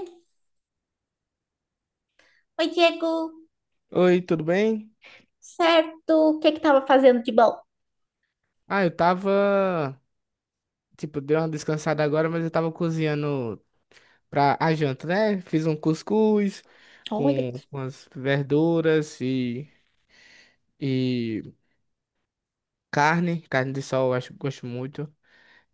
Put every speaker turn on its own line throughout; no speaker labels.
Oi, Diego.
Oi, tudo bem?
Certo. O que é que tava fazendo de bom?
Ah, eu tava, tipo, dei uma descansada agora, mas eu tava cozinhando pra a janta, né? Fiz um cuscuz
Olha,
com umas verduras e carne de sol, eu acho que gosto muito.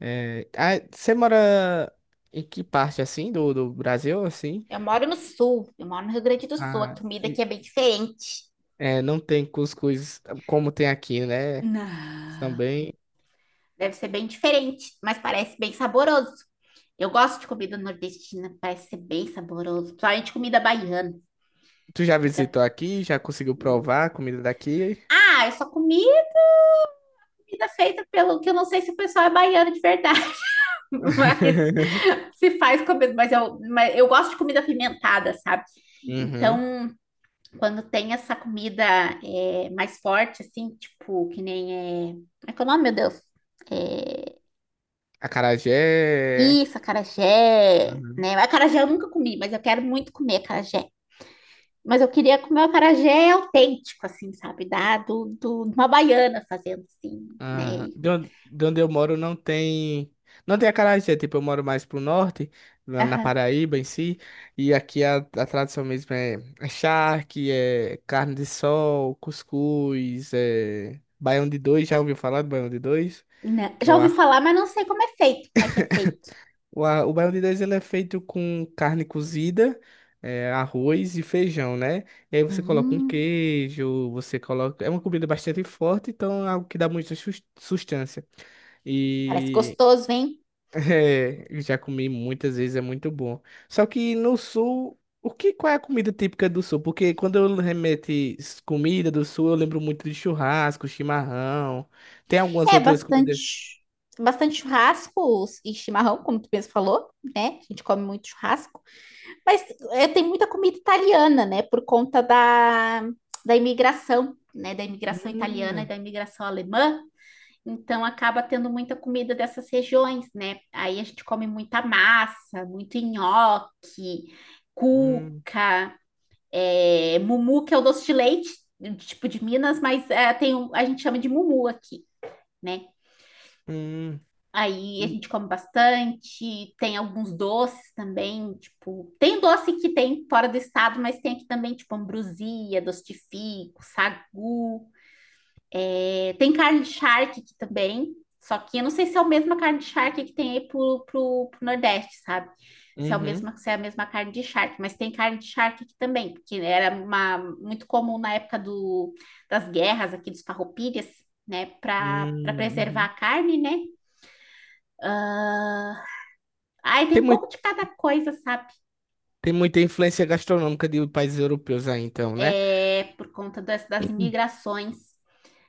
É, ah, você mora em que parte, assim, do Brasil, assim?
eu moro no sul, eu moro no Rio Grande do Sul. A
Ah,
comida
e-
aqui é bem diferente.
é, não tem cuscuz como tem aqui, né?
Não.
Também.
Deve ser bem diferente, mas parece bem saboroso. Eu gosto de comida nordestina, parece ser bem saboroso. Principalmente comida baiana.
Tu já
Comida...
visitou aqui? Já conseguiu
hum.
provar a comida daqui?
Ah, eu só comi comida feita pelo que eu não sei se o pessoal é baiano de verdade, mas se faz comida. Mas eu gosto de comida apimentada, sabe?
Uhum.
Então. Quando tem essa comida mais forte, assim, tipo, que nem é. Como é que é o nome, meu Deus? É...
Acarajé.
Isso, acarajé,
Uhum.
né? Acarajé eu nunca comi, mas eu quero muito comer acarajé. Mas eu queria comer o acarajé autêntico, assim, sabe? De uma baiana fazendo, assim,
Ah,
né?
de onde eu moro não tem. Não tem acarajé, tipo, eu moro mais pro norte, na
Aham.
Paraíba em si, e aqui a tradição mesmo é charque, é carne de sol, cuscuz, é baião de dois, já ouviu falar do baião de dois?
Né?
Que é
Já
o
ouvi falar,
arroz.
mas não sei como é feito, como é que é feito.
O baião de dois ele é feito com carne cozida, é, arroz e feijão, né? E aí você coloca um
Hum,
queijo, você coloca. É uma comida bastante forte, então é algo que dá muita sustância.
parece
E
gostoso, hein?
é, eu já comi muitas vezes, é muito bom. Só que no sul, o que, qual é a comida típica do sul? Porque quando eu remeto comida do sul, eu lembro muito de churrasco, chimarrão. Tem algumas
É
outras
bastante,
comidas.
bastante churrascos e chimarrão, como tu mesmo falou, né? A gente come muito churrasco, mas tem muita comida italiana, né? Por conta da imigração, né? Da imigração italiana e
Hum,
da imigração alemã. Então acaba tendo muita comida dessas regiões, né? Aí a gente come muita massa, muito nhoque,
hum,
cuca, mumu, que é o doce de leite, tipo de Minas, mas a gente chama de mumu aqui, né?
hum.
Aí a
Hum,
gente come bastante, tem alguns doces também, tipo, tem doce que tem fora do estado, mas tem aqui também, tipo, ambrosia, doce de fico, sagu. É, tem carne de charque aqui também, só que eu não sei se é a mesma carne de charque que tem aí pro Nordeste, sabe? Se é a
Uhum.
mesma, se é a mesma carne de charque, mas tem carne de charque aqui também, porque era uma, muito comum na época do, das guerras aqui dos farroupilhas, né, para preservar a
Uhum.
carne, né? Ah, ai tem
tem
um
muito,
pouco de cada coisa, sabe?
Tem muita influência gastronômica de países europeus aí, então, né?
É, por conta das
Uhum.
imigrações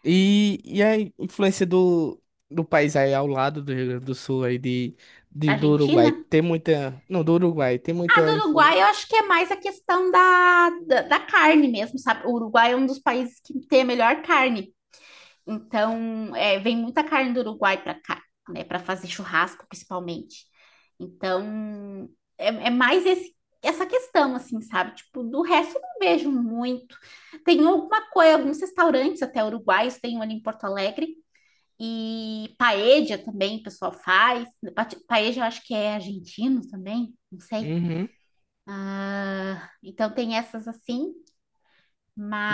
E a influência do país aí ao lado do Rio Grande do Sul aí
da
do Uruguai,
Argentina.
tem muita. Não, do Uruguai, tem
Ah, do
muita
Uruguai
influência.
eu acho que é mais a questão da carne mesmo, sabe? O Uruguai é um dos países que tem a melhor carne. Então, é, vem muita carne do Uruguai para cá, né? Para fazer churrasco, principalmente. Então, é, é mais esse essa questão, assim, sabe? Tipo, do resto eu não vejo muito. Tem alguma coisa, alguns restaurantes até uruguaios, tem um ali em Porto Alegre. E paella também o pessoal faz. Paella eu acho que é argentino também, não sei.
Uhum.
Ah, então tem essas assim,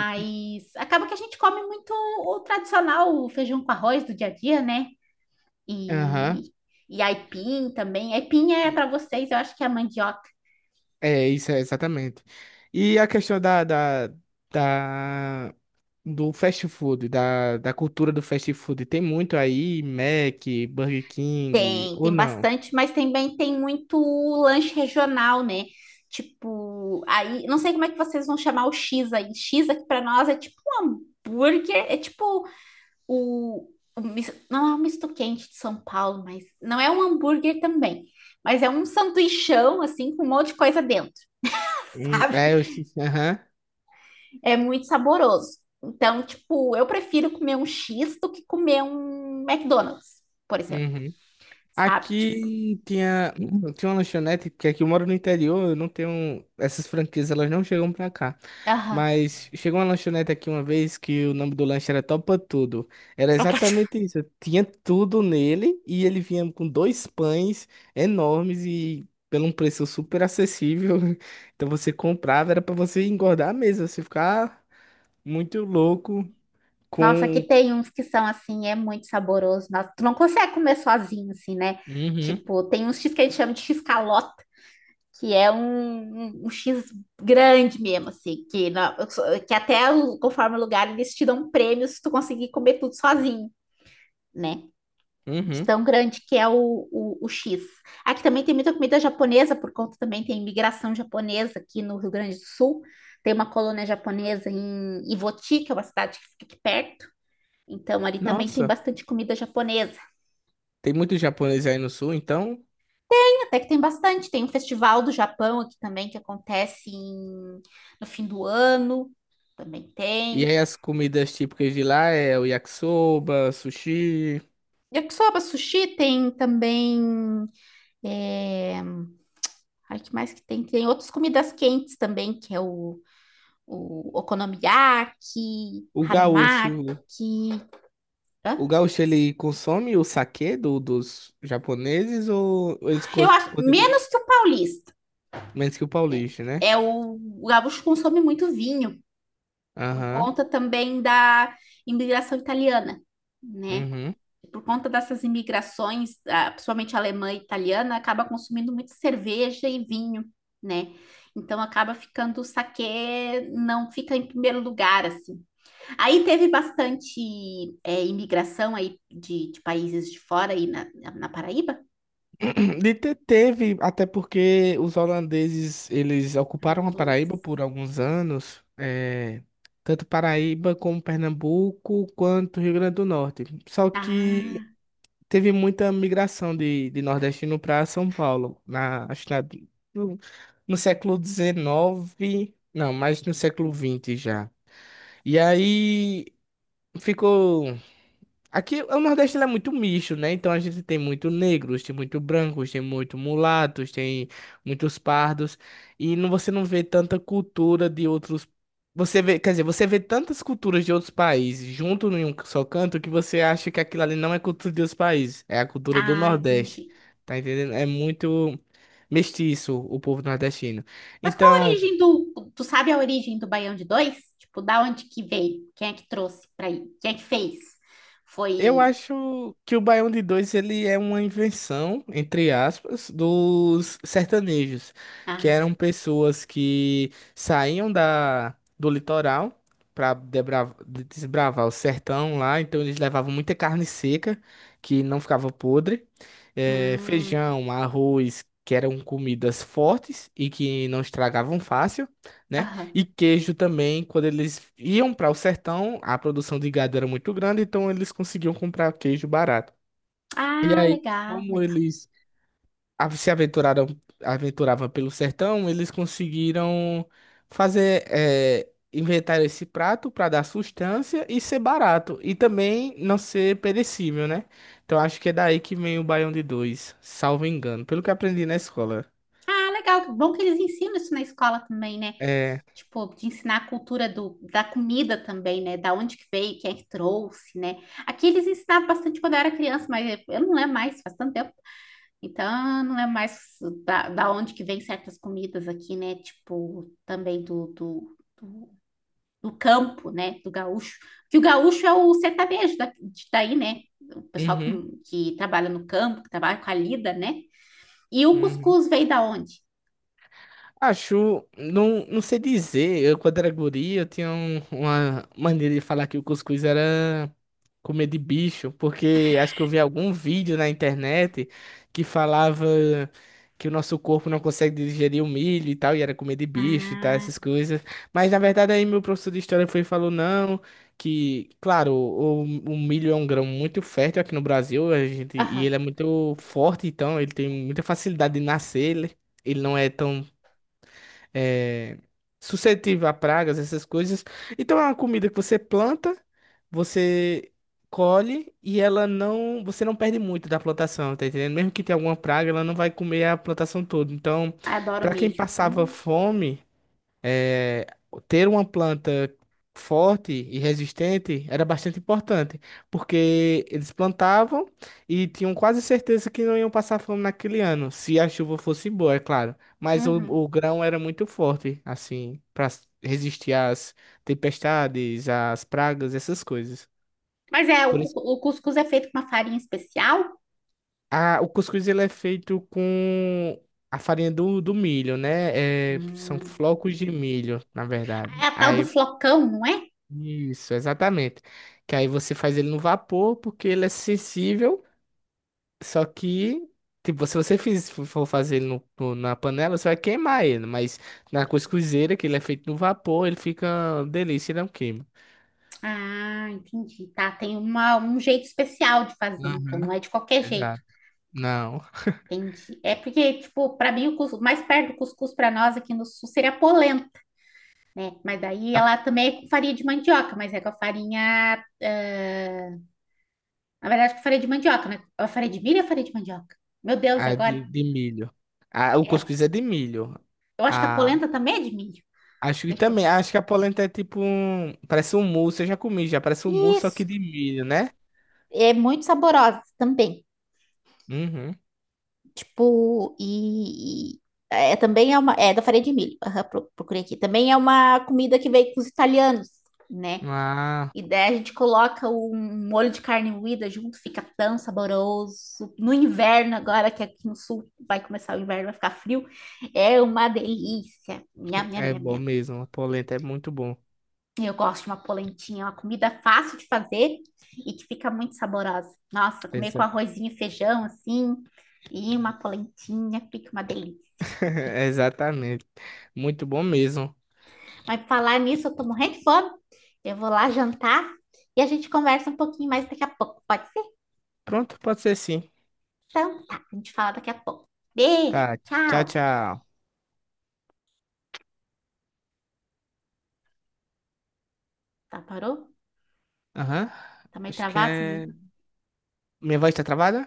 E- e-
acaba que a gente come muito o tradicional, o feijão com arroz do dia a dia, né?
Aham.
E, e aipim também. Aipim é
E-
para vocês, eu acho que é a mandioca.
É, isso é exatamente. E a questão da, do fast food, da cultura do fast food, tem muito aí, Mac, Burger King,
Tem,
ou
tem
não?
bastante, mas também tem muito lanche regional, né? Tipo, aí, não sei como é que vocês vão chamar o X aí. X aqui pra nós é tipo um hambúrguer, é tipo o, o não é um misto quente de São Paulo, mas não é um hambúrguer também. Mas é um sanduichão, assim, com um monte de coisa dentro, sabe?
É, eu esqueci. Aham.
É muito saboroso. Então, tipo, eu prefiro comer um X do que comer um McDonald's, por exemplo,
Uhum.
sabe? Tipo,
Aqui tinha, tinha uma lanchonete, porque aqui eu moro no interior, eu não tenho. Essas franquias, elas não chegam pra cá.
aham.
Mas chegou uma lanchonete aqui uma vez que o nome do lanche era Topa Tudo. Era exatamente isso. Tinha tudo nele e ele vinha com dois pães enormes e pelo um preço super acessível. Então você comprava, era pra você engordar mesmo, você ficar muito louco
Nossa, aqui
com.
tem uns que são assim, é muito saboroso. Nossa, tu não consegue comer sozinho, assim, né?
Uhum,
Tipo, tem uns X que a gente chama de X calota, que é um X grande mesmo, assim, que até conforme o lugar eles te dão um prêmio se tu conseguir comer tudo sozinho, né? De
uhum.
tão grande que é o X. Aqui também tem muita comida japonesa, por conta também tem imigração japonesa aqui no Rio Grande do Sul. Tem uma colônia japonesa em Ivoti, que é uma cidade que fica aqui perto. Então, ali também tem
Nossa.
bastante comida japonesa.
Tem muito japonês aí no sul, então.
Tem até que tem bastante. Tem um festival do Japão aqui também, no fim do ano. Também
E
tem.
aí as comidas típicas de lá é o yakisoba, sushi.
Yakisoba sushi tem também. É... Ai, que mais que tem? Tem outras comidas quentes também, que é o okonomiyaki,
O gaúcho,
harumaki. Hã?
o gaúcho ele consome o saquê dos japoneses ou eles
Eu acho
consomem
menos que o paulista,
menos que o
né?
paulista, né?
É o gaúcho consome muito vinho. Por
Aham.
conta também da imigração italiana, né?
Uhum.
Por conta dessas imigrações, ah, principalmente alemã e italiana, acaba consumindo muito cerveja e vinho, né? Então acaba ficando o saquê, não fica em primeiro lugar, assim. Aí teve bastante imigração aí de países de fora aí na Paraíba.
Teve, até porque os holandeses, eles
Ah,
ocuparam a
os
Paraíba
holandeses.
por alguns anos, é, tanto Paraíba como Pernambuco, quanto Rio Grande do Norte. Só que
Ah,
teve muita migração de nordestino para São Paulo, acho que no, no século XIX, não, mas no século XX já. E aí ficou. Aqui o Nordeste ele é muito misto, né? Então a gente tem muito negros, tem muito brancos, tem muito mulatos, tem muitos pardos. E não, você não vê tanta cultura de outros. Você vê, quer dizer, você vê tantas culturas de outros países junto em um só canto que você acha que aquilo ali não é cultura de outros países, é a cultura do
ah,
Nordeste.
entendi.
Tá entendendo? É muito mestiço o povo nordestino.
Mas qual a
Então.
origem do. Tu sabe a origem do Baião de Dois? Tipo, da onde que veio? Quem é que trouxe pra aí? Quem é que fez?
Eu
Foi.
acho que o Baião de Dois ele é uma invenção, entre aspas, dos sertanejos, que eram
Ah,
pessoas que saíam do litoral para desbravar o sertão lá, então eles levavam muita carne seca, que não ficava podre,
hum,
feijão, arroz, que eram comidas fortes e que não estragavam fácil, né?
aham.
E queijo também, quando eles iam para o sertão, a produção de gado era muito grande, então eles conseguiam comprar queijo barato. E
Ah,
aí,
legal,
como
legal.
eles se aventuravam pelo sertão, eles conseguiram fazer, inventar esse prato para dar sustância e ser barato, e também não ser perecível, né? Então acho que é daí que vem o baião de dois, salvo engano, pelo que aprendi na escola.
Ah, legal. Bom que eles ensinam isso na escola também, né?
É.
Tipo, de ensinar a cultura do, da comida também, né? Da onde que veio, quem é que trouxe, né? Aqui eles ensinavam bastante quando eu era criança, mas eu não lembro mais, faz tanto tempo. Então, não é mais da onde que vem certas comidas aqui, né? Tipo, também do campo, né? Do gaúcho. Que o gaúcho é o sertanejo daí, né? O pessoal
Uhum.
que trabalha no campo, que trabalha com a lida, né? E o
Uhum.
cuscuz veio da onde?
Acho, não, não sei dizer. Eu, quando era guri, eu tinha uma maneira de falar que o cuscuz era comer de bicho, porque acho que eu vi algum vídeo na internet que falava que o nosso corpo não consegue digerir o milho e tal, e era comer de bicho e tal,
Ah,
essas coisas. Mas na verdade, aí meu professor de história foi e falou: não, que, claro, o milho é um grão muito fértil aqui no Brasil, a gente, e
aham.
ele é muito forte, então ele tem muita facilidade de nascer. Ele não é tão é, suscetível a pragas, essas coisas. Então é uma comida que você planta, você colhe e ela não, você não perde muito da plantação, tá entendendo? Mesmo que tenha alguma praga, ela não vai comer a plantação toda. Então,
Ah, adoro
para quem
milho.
passava fome é, ter uma planta forte e resistente era bastante importante, porque eles plantavam e tinham quase certeza que não iam passar fome naquele ano, se a chuva fosse boa, é claro. Mas o,
Uhum.
o grão era muito forte, assim, para resistir às tempestades, às pragas, essas coisas.
Mas é,
Por isso,
o cuscuz é feito com uma farinha especial.
o cuscuz ele é feito com a farinha do milho, né? É, são
Hum.
flocos de milho, na verdade.
É a tal do
Aí
flocão, não é?
isso, exatamente. Que aí você faz ele no vapor porque ele é sensível, só que tipo, se você for fazer ele na panela, você vai queimar ele, mas na cuscuzeira, que ele é feito no vapor, ele fica uma delícia, ele não queima.
Ah, entendi. Tá, tem uma, um jeito especial de fazer, então
Uhum.
não é de qualquer jeito.
Exato. Não,
Entendi. É porque, tipo, para mim o mais perto do cuscuz para nós aqui no sul seria a polenta, né? Mas daí
a,
ela também é com farinha de mandioca, mas é com a farinha, ah, na verdade, com farinha de mandioca, né? A farinha de milho ou a farinha de mandioca? Meu Deus, e
a de,
agora?
de milho. A, o
É,
cuscuz é de milho.
eu acho que a
A,
polenta também é de milho.
acho que
Deixa eu
também,
ver.
acho que a polenta é tipo um, parece um mousse, eu já comi, já parece um mousse, só que
Isso.
de milho, né?
É muito saborosa também.
Uhum.
Tipo, também é uma. É da farinha de milho. Aham, procurei aqui. Também é uma comida que veio com os italianos, né?
Ah.
E daí a gente coloca um molho de carne moída junto, fica tão saboroso. No inverno, agora que aqui no sul vai começar o inverno, vai ficar frio, é uma delícia. Nham, nham,
É
nham,
bom
nham.
mesmo, a polenta é muito bom.
Eu gosto de uma polentinha, uma comida fácil de fazer e que fica muito saborosa. Nossa, comer com
Exa-
arrozinho e feijão assim, e uma polentinha, fica uma delícia.
Exatamente. Muito bom mesmo.
Aí, pra falar nisso, eu tô morrendo de fome. Eu vou lá jantar e a gente conversa um pouquinho mais daqui a pouco. Pode ser?
Pronto, pode ser sim.
Então, tá. A gente fala daqui a pouco. Beijo,
Tá, tchau,
tchau.
tchau.
Tá, parou?
Aham.
Tá meio
Acho que
travado, né?
é. Minha voz tá travada?